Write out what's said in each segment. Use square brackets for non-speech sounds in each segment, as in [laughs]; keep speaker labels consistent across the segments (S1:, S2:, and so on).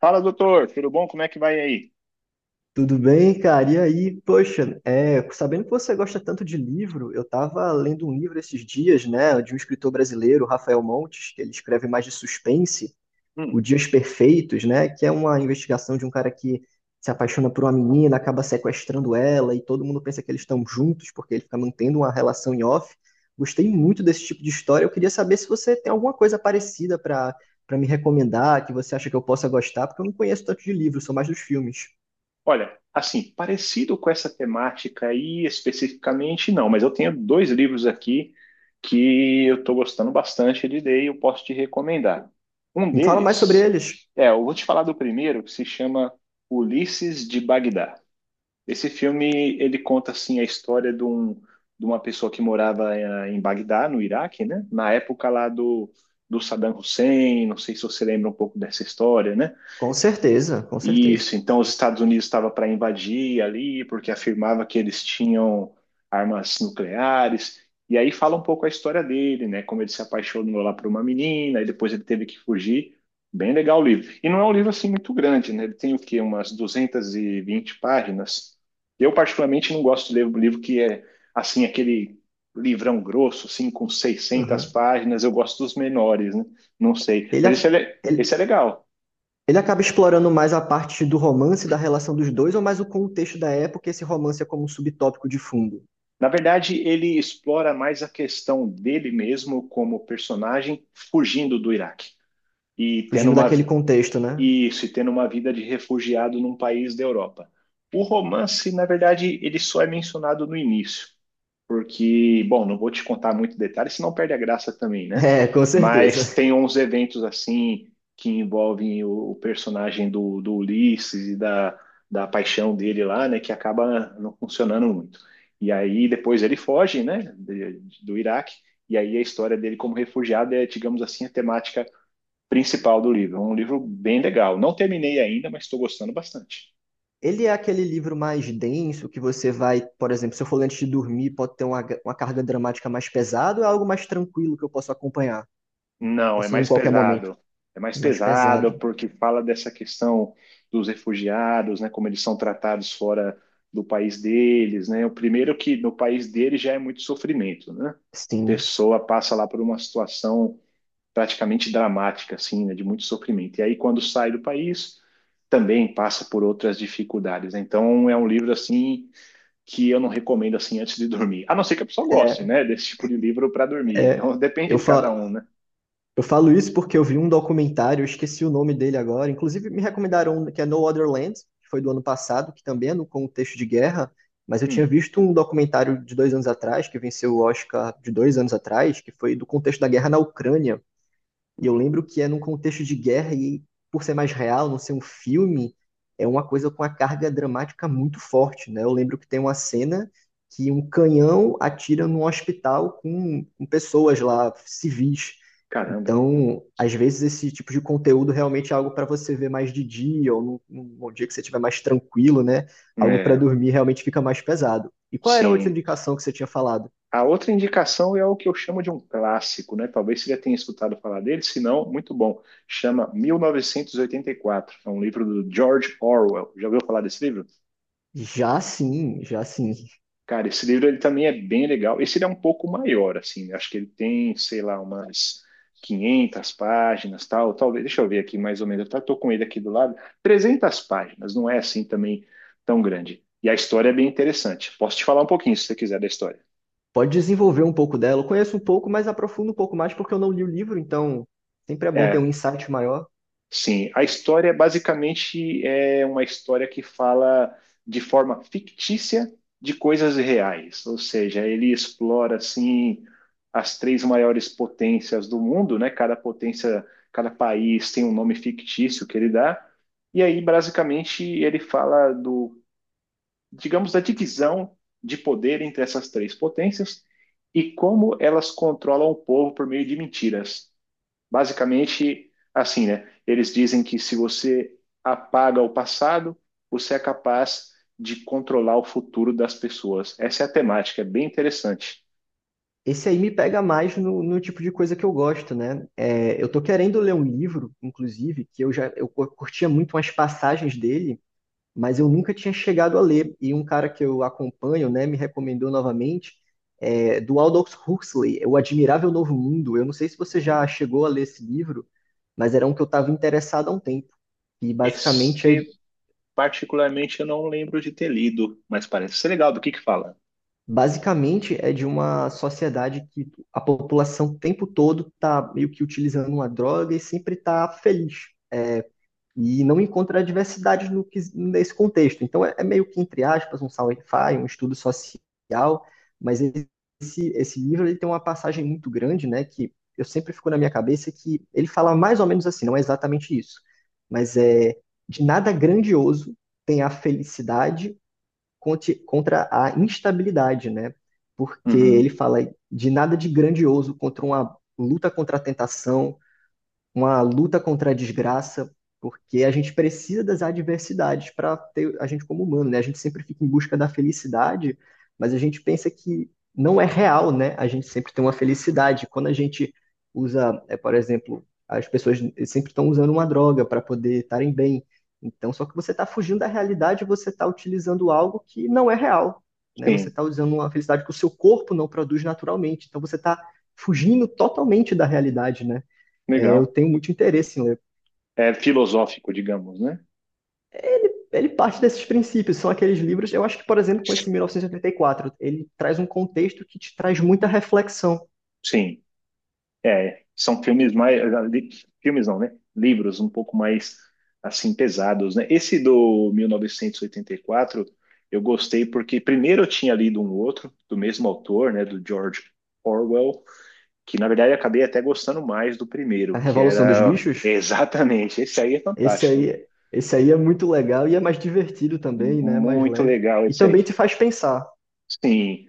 S1: Fala, doutor, tudo bom? Como é que vai aí?
S2: Tudo bem, cara? E aí, poxa, sabendo que você gosta tanto de livro, eu tava lendo um livro esses dias, né, de um escritor brasileiro, Rafael Montes, que ele escreve mais de suspense, O
S1: Hum,
S2: Dias Perfeitos, né, que é uma investigação de um cara que se apaixona por uma menina, acaba sequestrando ela e todo mundo pensa que eles estão juntos porque ele fica mantendo uma relação em off. Gostei muito desse tipo de história. Eu queria saber se você tem alguma coisa parecida para me recomendar, que você acha que eu possa gostar, porque eu não conheço tanto de livro, sou mais dos filmes.
S1: olha, assim, parecido com essa temática aí especificamente, não, mas eu tenho dois livros aqui que eu estou gostando bastante de ler e eu posso te recomendar. Um
S2: Me fala mais sobre
S1: deles,
S2: eles.
S1: eu vou te falar do primeiro, que se chama Ulisses de Bagdá. Esse filme, ele conta, assim, a história de, um, de uma pessoa que morava em Bagdá, no Iraque, né? Na época lá do Saddam Hussein, não sei se você lembra um pouco dessa história, né?
S2: Com certeza, com certeza.
S1: Isso, então os Estados Unidos estavam para invadir ali, porque afirmava que eles tinham armas nucleares. E aí fala um pouco a história dele, né? Como ele se apaixonou lá por uma menina, e depois ele teve que fugir. Bem legal o livro. E não é um livro assim muito grande, né? Ele tem o quê? Umas 220 páginas. Eu, particularmente, não gosto de ler um livro que é assim, aquele livrão grosso, assim, com seiscentas
S2: Aham.
S1: páginas. Eu gosto dos menores, né? Não sei.
S2: Ele,
S1: Mas esse é,
S2: a- ele,
S1: esse é legal.
S2: ele acaba explorando mais a parte do romance, da relação dos dois, ou mais o contexto da época, e esse romance é como um subtópico de fundo,
S1: Na verdade, ele explora mais a questão dele mesmo como personagem fugindo do Iraque e tendo
S2: fugindo
S1: uma
S2: daquele contexto, né? [laughs]
S1: isso, e tendo uma vida de refugiado num país da Europa. O romance, na verdade, ele só é mencionado no início porque, bom, não vou te contar muito detalhe, senão perde a graça também, né?
S2: É, com certeza.
S1: Mas tem uns eventos assim que envolvem o personagem do Ulisses e da paixão dele lá, né? Que acaba não funcionando muito. E aí depois ele foge, né? Do Iraque. E aí a história dele como refugiado é, digamos assim, a temática principal do livro. É um livro bem legal. Não terminei ainda, mas estou gostando bastante.
S2: Ele é aquele livro mais denso que você vai, por exemplo, se eu for ler antes de dormir, pode ter uma carga dramática mais pesada, ou é algo mais tranquilo que eu posso acompanhar?
S1: Não, é
S2: Posso ler em
S1: mais
S2: qualquer momento.
S1: pesado. É mais
S2: É mais
S1: pesado
S2: pesado.
S1: porque fala dessa questão dos refugiados, né, como eles são tratados fora do país deles, né? O primeiro que no país deles já é muito sofrimento, né?
S2: Sim.
S1: Pessoa passa lá por uma situação praticamente dramática, assim, né, de muito sofrimento. E aí quando sai do país, também passa por outras dificuldades. Então é um livro assim que eu não recomendo assim antes de dormir. A não ser que a pessoa goste,
S2: É,
S1: né, desse tipo de livro para dormir.
S2: é
S1: Então [laughs] depende
S2: eu
S1: de cada
S2: falo.
S1: um, né?
S2: Eu falo isso porque eu vi um documentário, eu esqueci o nome dele agora. Inclusive, me recomendaram um que é No Other Land, que foi do ano passado, que também é no contexto de guerra. Mas eu tinha
S1: Hum.
S2: visto um documentário de 2 anos atrás, que venceu o Oscar de 2 anos atrás, que foi do contexto da guerra na Ucrânia. E eu lembro que é num contexto de guerra e por ser mais real, não ser um filme, é uma coisa com uma carga dramática muito forte, né? Eu lembro que tem uma cena que um canhão atira num hospital com pessoas lá, civis.
S1: Caramba.
S2: Então, às vezes esse tipo de conteúdo realmente é algo para você ver mais de dia ou num dia que você estiver mais tranquilo, né? Algo para
S1: É,
S2: dormir realmente fica mais pesado. E qual era a outra
S1: sim.
S2: indicação que você tinha falado?
S1: A outra indicação é o que eu chamo de um clássico, né? Talvez você já tenha escutado falar dele, se não, muito bom. Chama 1984. É um livro do George Orwell. Já ouviu falar desse livro?
S2: Já sim, já sim.
S1: Cara, esse livro ele também é bem legal. Esse ele é um pouco maior, assim. Né? Acho que ele tem, sei lá, umas 500 páginas, tal. Talvez, deixa eu ver aqui mais ou menos. Tô com ele aqui do lado. 300 páginas. Não é assim também tão grande. E a história é bem interessante. Posso te falar um pouquinho, se você quiser, da história.
S2: Pode desenvolver um pouco dela. Eu conheço um pouco, mas aprofundo um pouco mais porque eu não li o livro, então sempre é bom ter um
S1: É,
S2: insight maior.
S1: sim, a história basicamente é uma história que fala de forma fictícia de coisas reais, ou seja, ele explora assim as três maiores potências do mundo, né? Cada potência, cada país tem um nome fictício que ele dá, e aí basicamente ele fala do, digamos, da divisão de poder entre essas três potências e como elas controlam o povo por meio de mentiras. Basicamente, assim, né? Eles dizem que se você apaga o passado, você é capaz de controlar o futuro das pessoas. Essa é a temática, é bem interessante.
S2: Esse aí me pega mais no tipo de coisa que eu gosto, né? Eu tô querendo ler um livro, inclusive, que eu já eu curtia muito umas passagens dele, mas eu nunca tinha chegado a ler. E um cara que eu acompanho, né, me recomendou novamente, do Aldous Huxley, O Admirável Novo Mundo. Eu não sei se você já chegou a ler esse livro, mas era um que eu estava interessado há um tempo. E basicamente é
S1: Esse, particularmente, eu não lembro de ter lido, mas parece ser legal. Do que fala?
S2: Basicamente, é de uma sociedade que a população o tempo todo está meio que utilizando uma droga e sempre está feliz. E não encontra diversidade no, que- nesse contexto. Então, é meio que, entre aspas, um sci-fi, um estudo social, mas esse livro ele tem uma passagem muito grande, né, que eu sempre fico na minha cabeça que ele fala mais ou menos assim, não é exatamente isso, mas é de nada grandioso tem a felicidade contra a instabilidade, né? Porque ele
S1: Uhum.
S2: fala de nada de grandioso contra uma luta contra a tentação, uma luta contra a desgraça, porque a gente precisa das adversidades para ter a gente como humano, né? A gente sempre fica em busca da felicidade, mas a gente pensa que não é real, né? A gente sempre tem uma felicidade. Quando a gente usa, por exemplo, as pessoas sempre estão usando uma droga para poder estarem bem. Então, só que você está fugindo da realidade, você está utilizando algo que não é real, né? Você
S1: Sim,
S2: está usando uma felicidade que o seu corpo não produz naturalmente. Então, você está fugindo totalmente da realidade, né? É, eu
S1: legal.
S2: tenho muito interesse em ler.
S1: É filosófico, digamos, né?
S2: Ele parte desses princípios, são aqueles livros. Eu acho que, por exemplo, com esse mil novecentos e oitenta e quatro ele traz um contexto que te traz muita reflexão.
S1: Sim. É, são filmes mais. li- Filmes não, né? Livros um pouco mais assim pesados, né? Esse do mil novecentos e oitenta e quatro, eu gostei porque primeiro eu tinha lido um outro do mesmo autor, né? Do George Orwell, que na verdade eu acabei até gostando mais do
S2: A
S1: primeiro, que
S2: Revolução dos
S1: era [laughs]
S2: Bichos,
S1: exatamente esse aí é
S2: esse
S1: fantástico, hein?
S2: aí, esse aí é muito legal e é mais divertido também, né? Mais
S1: Muito
S2: leve.
S1: legal
S2: E
S1: esse
S2: também te
S1: aí.
S2: faz pensar.
S1: Sim,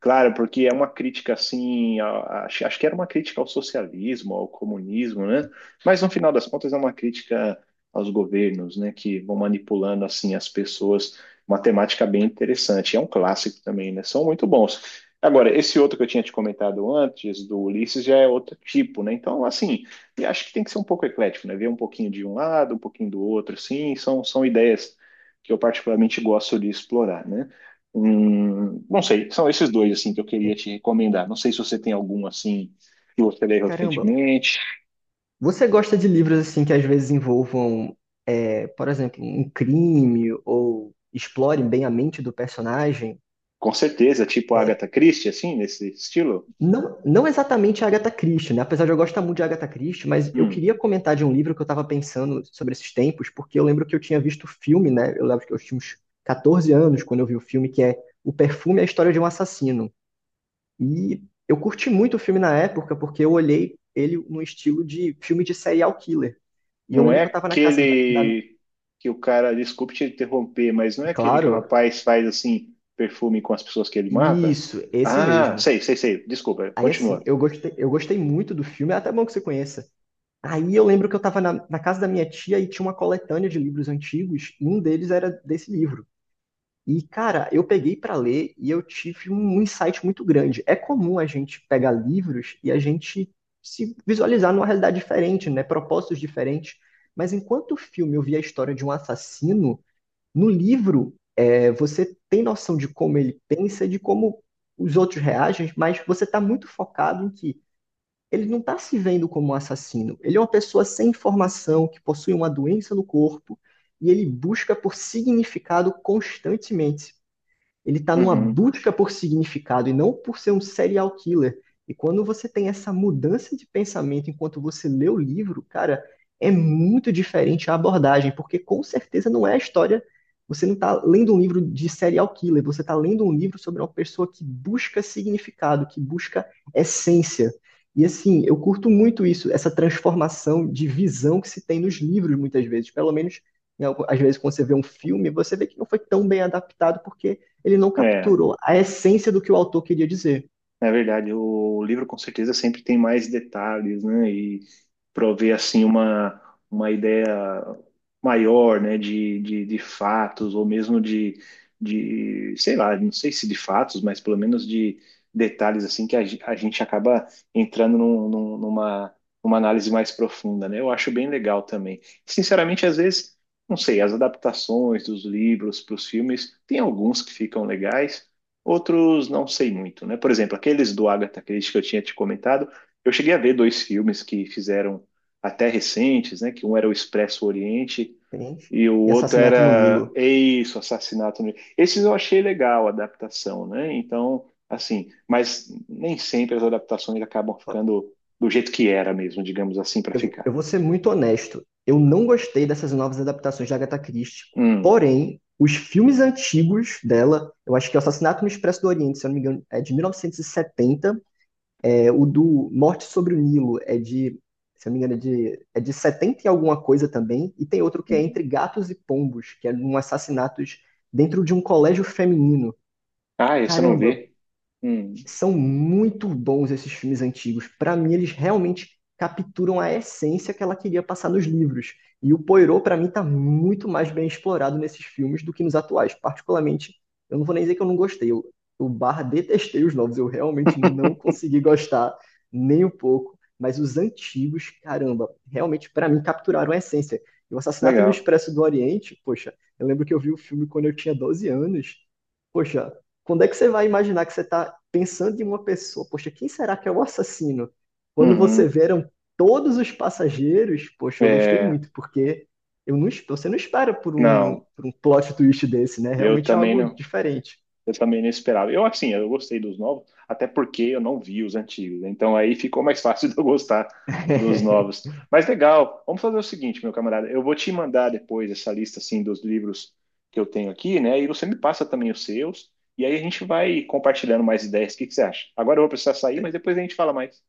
S1: claro, porque é uma crítica assim, acho, acho que era uma crítica ao socialismo, ao comunismo, né? Mas no final das contas é uma crítica aos governos, né, que vão manipulando assim as pessoas, uma temática bem interessante. É um clássico também, né? São muito bons. Agora, esse outro que eu tinha te comentado antes, do Ulisses, já é outro tipo, né? Então, assim, eu acho que tem que ser um pouco eclético, né? Ver um pouquinho de um lado, um pouquinho do outro, assim, são ideias que eu particularmente gosto de explorar, né? Não sei, são esses dois assim que eu queria te recomendar. Não sei se você tem algum assim que você leu
S2: Caramba,
S1: recentemente.
S2: você gosta de livros assim que às vezes envolvam, por exemplo, um crime ou explorem bem a mente do personagem?
S1: Com certeza, tipo Agatha Christie, assim, nesse estilo.
S2: Não, não exatamente a Agatha Christie, né? Apesar de eu gostar muito de Agatha Christie, mas eu
S1: Hum,
S2: queria comentar de um livro que eu estava pensando sobre esses tempos, porque eu lembro que eu tinha visto o filme, né? Eu lembro que eu tinha uns 14 anos quando eu vi o filme, que é O Perfume e a História de um Assassino. E eu curti muito o filme na época, porque eu olhei ele no estilo de filme de serial killer. E eu
S1: não
S2: lembro
S1: é
S2: que eu estava na casa da.
S1: aquele que o cara, desculpe te interromper, mas não é aquele que o
S2: Claro,
S1: rapaz faz assim perfume com as pessoas que ele mata?
S2: isso, esse
S1: Ah,
S2: mesmo.
S1: sei, sei, sei. Desculpa,
S2: Aí assim,
S1: continua.
S2: eu gostei muito do filme, é até bom que você conheça. Aí eu lembro que eu estava na casa da minha tia e tinha uma coletânea de livros antigos, e um deles era desse livro. E, cara, eu peguei para ler e eu tive um insight muito grande. É comum a gente pegar livros e a gente se visualizar numa realidade diferente, né? Propósitos diferentes. Mas enquanto o filme eu via a história de um assassino, no livro você tem noção de como ele pensa, de como os outros reagem, mas você está muito focado em que ele não está se vendo como um assassino. Ele é uma pessoa sem informação, que possui uma doença no corpo, e ele busca por significado constantemente. Ele está numa
S1: Uhum,
S2: busca por significado e não por ser um serial killer. E quando você tem essa mudança de pensamento enquanto você lê o livro, cara, é muito diferente a abordagem, porque com certeza não é a história. Você não está lendo um livro de serial killer, você está lendo um livro sobre uma pessoa que busca significado, que busca essência. E assim, eu curto muito isso, essa transformação de visão que se tem nos livros, muitas vezes. Pelo menos, às vezes, quando você vê um filme, você vê que não foi tão bem adaptado, porque ele não
S1: é.
S2: capturou a essência do que o autor queria dizer.
S1: É verdade, o livro com certeza sempre tem mais detalhes, né? E prover assim uma ideia maior, né? De fatos ou mesmo de, sei lá, não sei se de fatos, mas pelo menos de detalhes assim que a gente acaba entrando numa, numa análise mais profunda, né? Eu acho bem legal também. Sinceramente, às vezes, não sei, as adaptações dos livros para os filmes, tem alguns que ficam legais. Outros não sei muito, né? Por exemplo, aqueles do Agatha Christie que eu tinha te comentado, eu cheguei a ver dois filmes que fizeram até recentes, né? Que um era o Expresso Oriente
S2: Entende?
S1: e o
S2: E
S1: outro
S2: Assassinato no
S1: era
S2: Nilo.
S1: Eis, o Assassinato no... Esses eu achei legal a adaptação, né? Então, assim, mas nem sempre as adaptações acabam ficando do jeito que era mesmo, digamos assim, para
S2: Eu
S1: ficar.
S2: vou ser muito honesto. Eu não gostei dessas novas adaptações de Agatha Christie.
S1: Hum.
S2: Porém, os filmes antigos dela, eu acho que é o Assassinato no Expresso do Oriente, se eu não me engano, é de 1970. É, o do Morte sobre o Nilo é de, se eu não me engano, é de 70 e alguma coisa também. E tem outro que é Entre Gatos e Pombos, que é um assassinato dentro de um colégio feminino.
S1: Ah, esse eu não
S2: Caramba,
S1: vi. Hum.
S2: são muito bons esses filmes antigos. Para mim, eles realmente capturam a essência que ela queria passar nos livros. E o Poirot, para mim, tá muito mais bem explorado nesses filmes do que nos atuais. Particularmente, eu não vou nem dizer que eu não gostei. Eu barra detestei os novos. Eu realmente não
S1: [laughs]
S2: consegui gostar nem um pouco. Mas os antigos, caramba, realmente, para mim, capturaram a essência. E o Assassinato no
S1: Legal.
S2: Expresso do Oriente, poxa, eu lembro que eu vi o filme quando eu tinha 12 anos. Poxa, quando é que você vai imaginar que você está pensando em uma pessoa, poxa, quem será que é o assassino? Quando você
S1: Uhum.
S2: veram todos os passageiros, poxa, eu gostei
S1: É,
S2: muito, porque eu não, você não espera por um,
S1: não,
S2: por um plot twist desse, né?
S1: eu
S2: Realmente é
S1: também
S2: algo
S1: não.
S2: diferente.
S1: Eu também não esperava. Eu, assim, eu gostei dos novos, até porque eu não vi os antigos. Né? Então aí ficou mais fácil [laughs] de eu gostar dos
S2: [laughs]
S1: novos. Mas legal, vamos fazer o seguinte, meu camarada. Eu vou te mandar depois essa lista, assim, dos livros que eu tenho aqui, né? E você me passa também os seus. E aí a gente vai compartilhando mais ideias. O que que você acha? Agora eu vou precisar sair, mas depois a gente fala mais.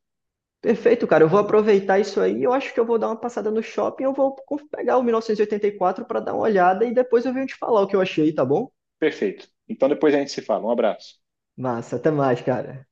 S2: Perfeito, cara. Eu vou aproveitar isso aí. Eu acho que eu vou dar uma passada no shopping. Eu vou pegar o 1984 para dar uma olhada e depois eu venho te falar o que eu achei, tá bom?
S1: Perfeito. Então depois a gente se fala. Um abraço.
S2: Massa, até mais, cara.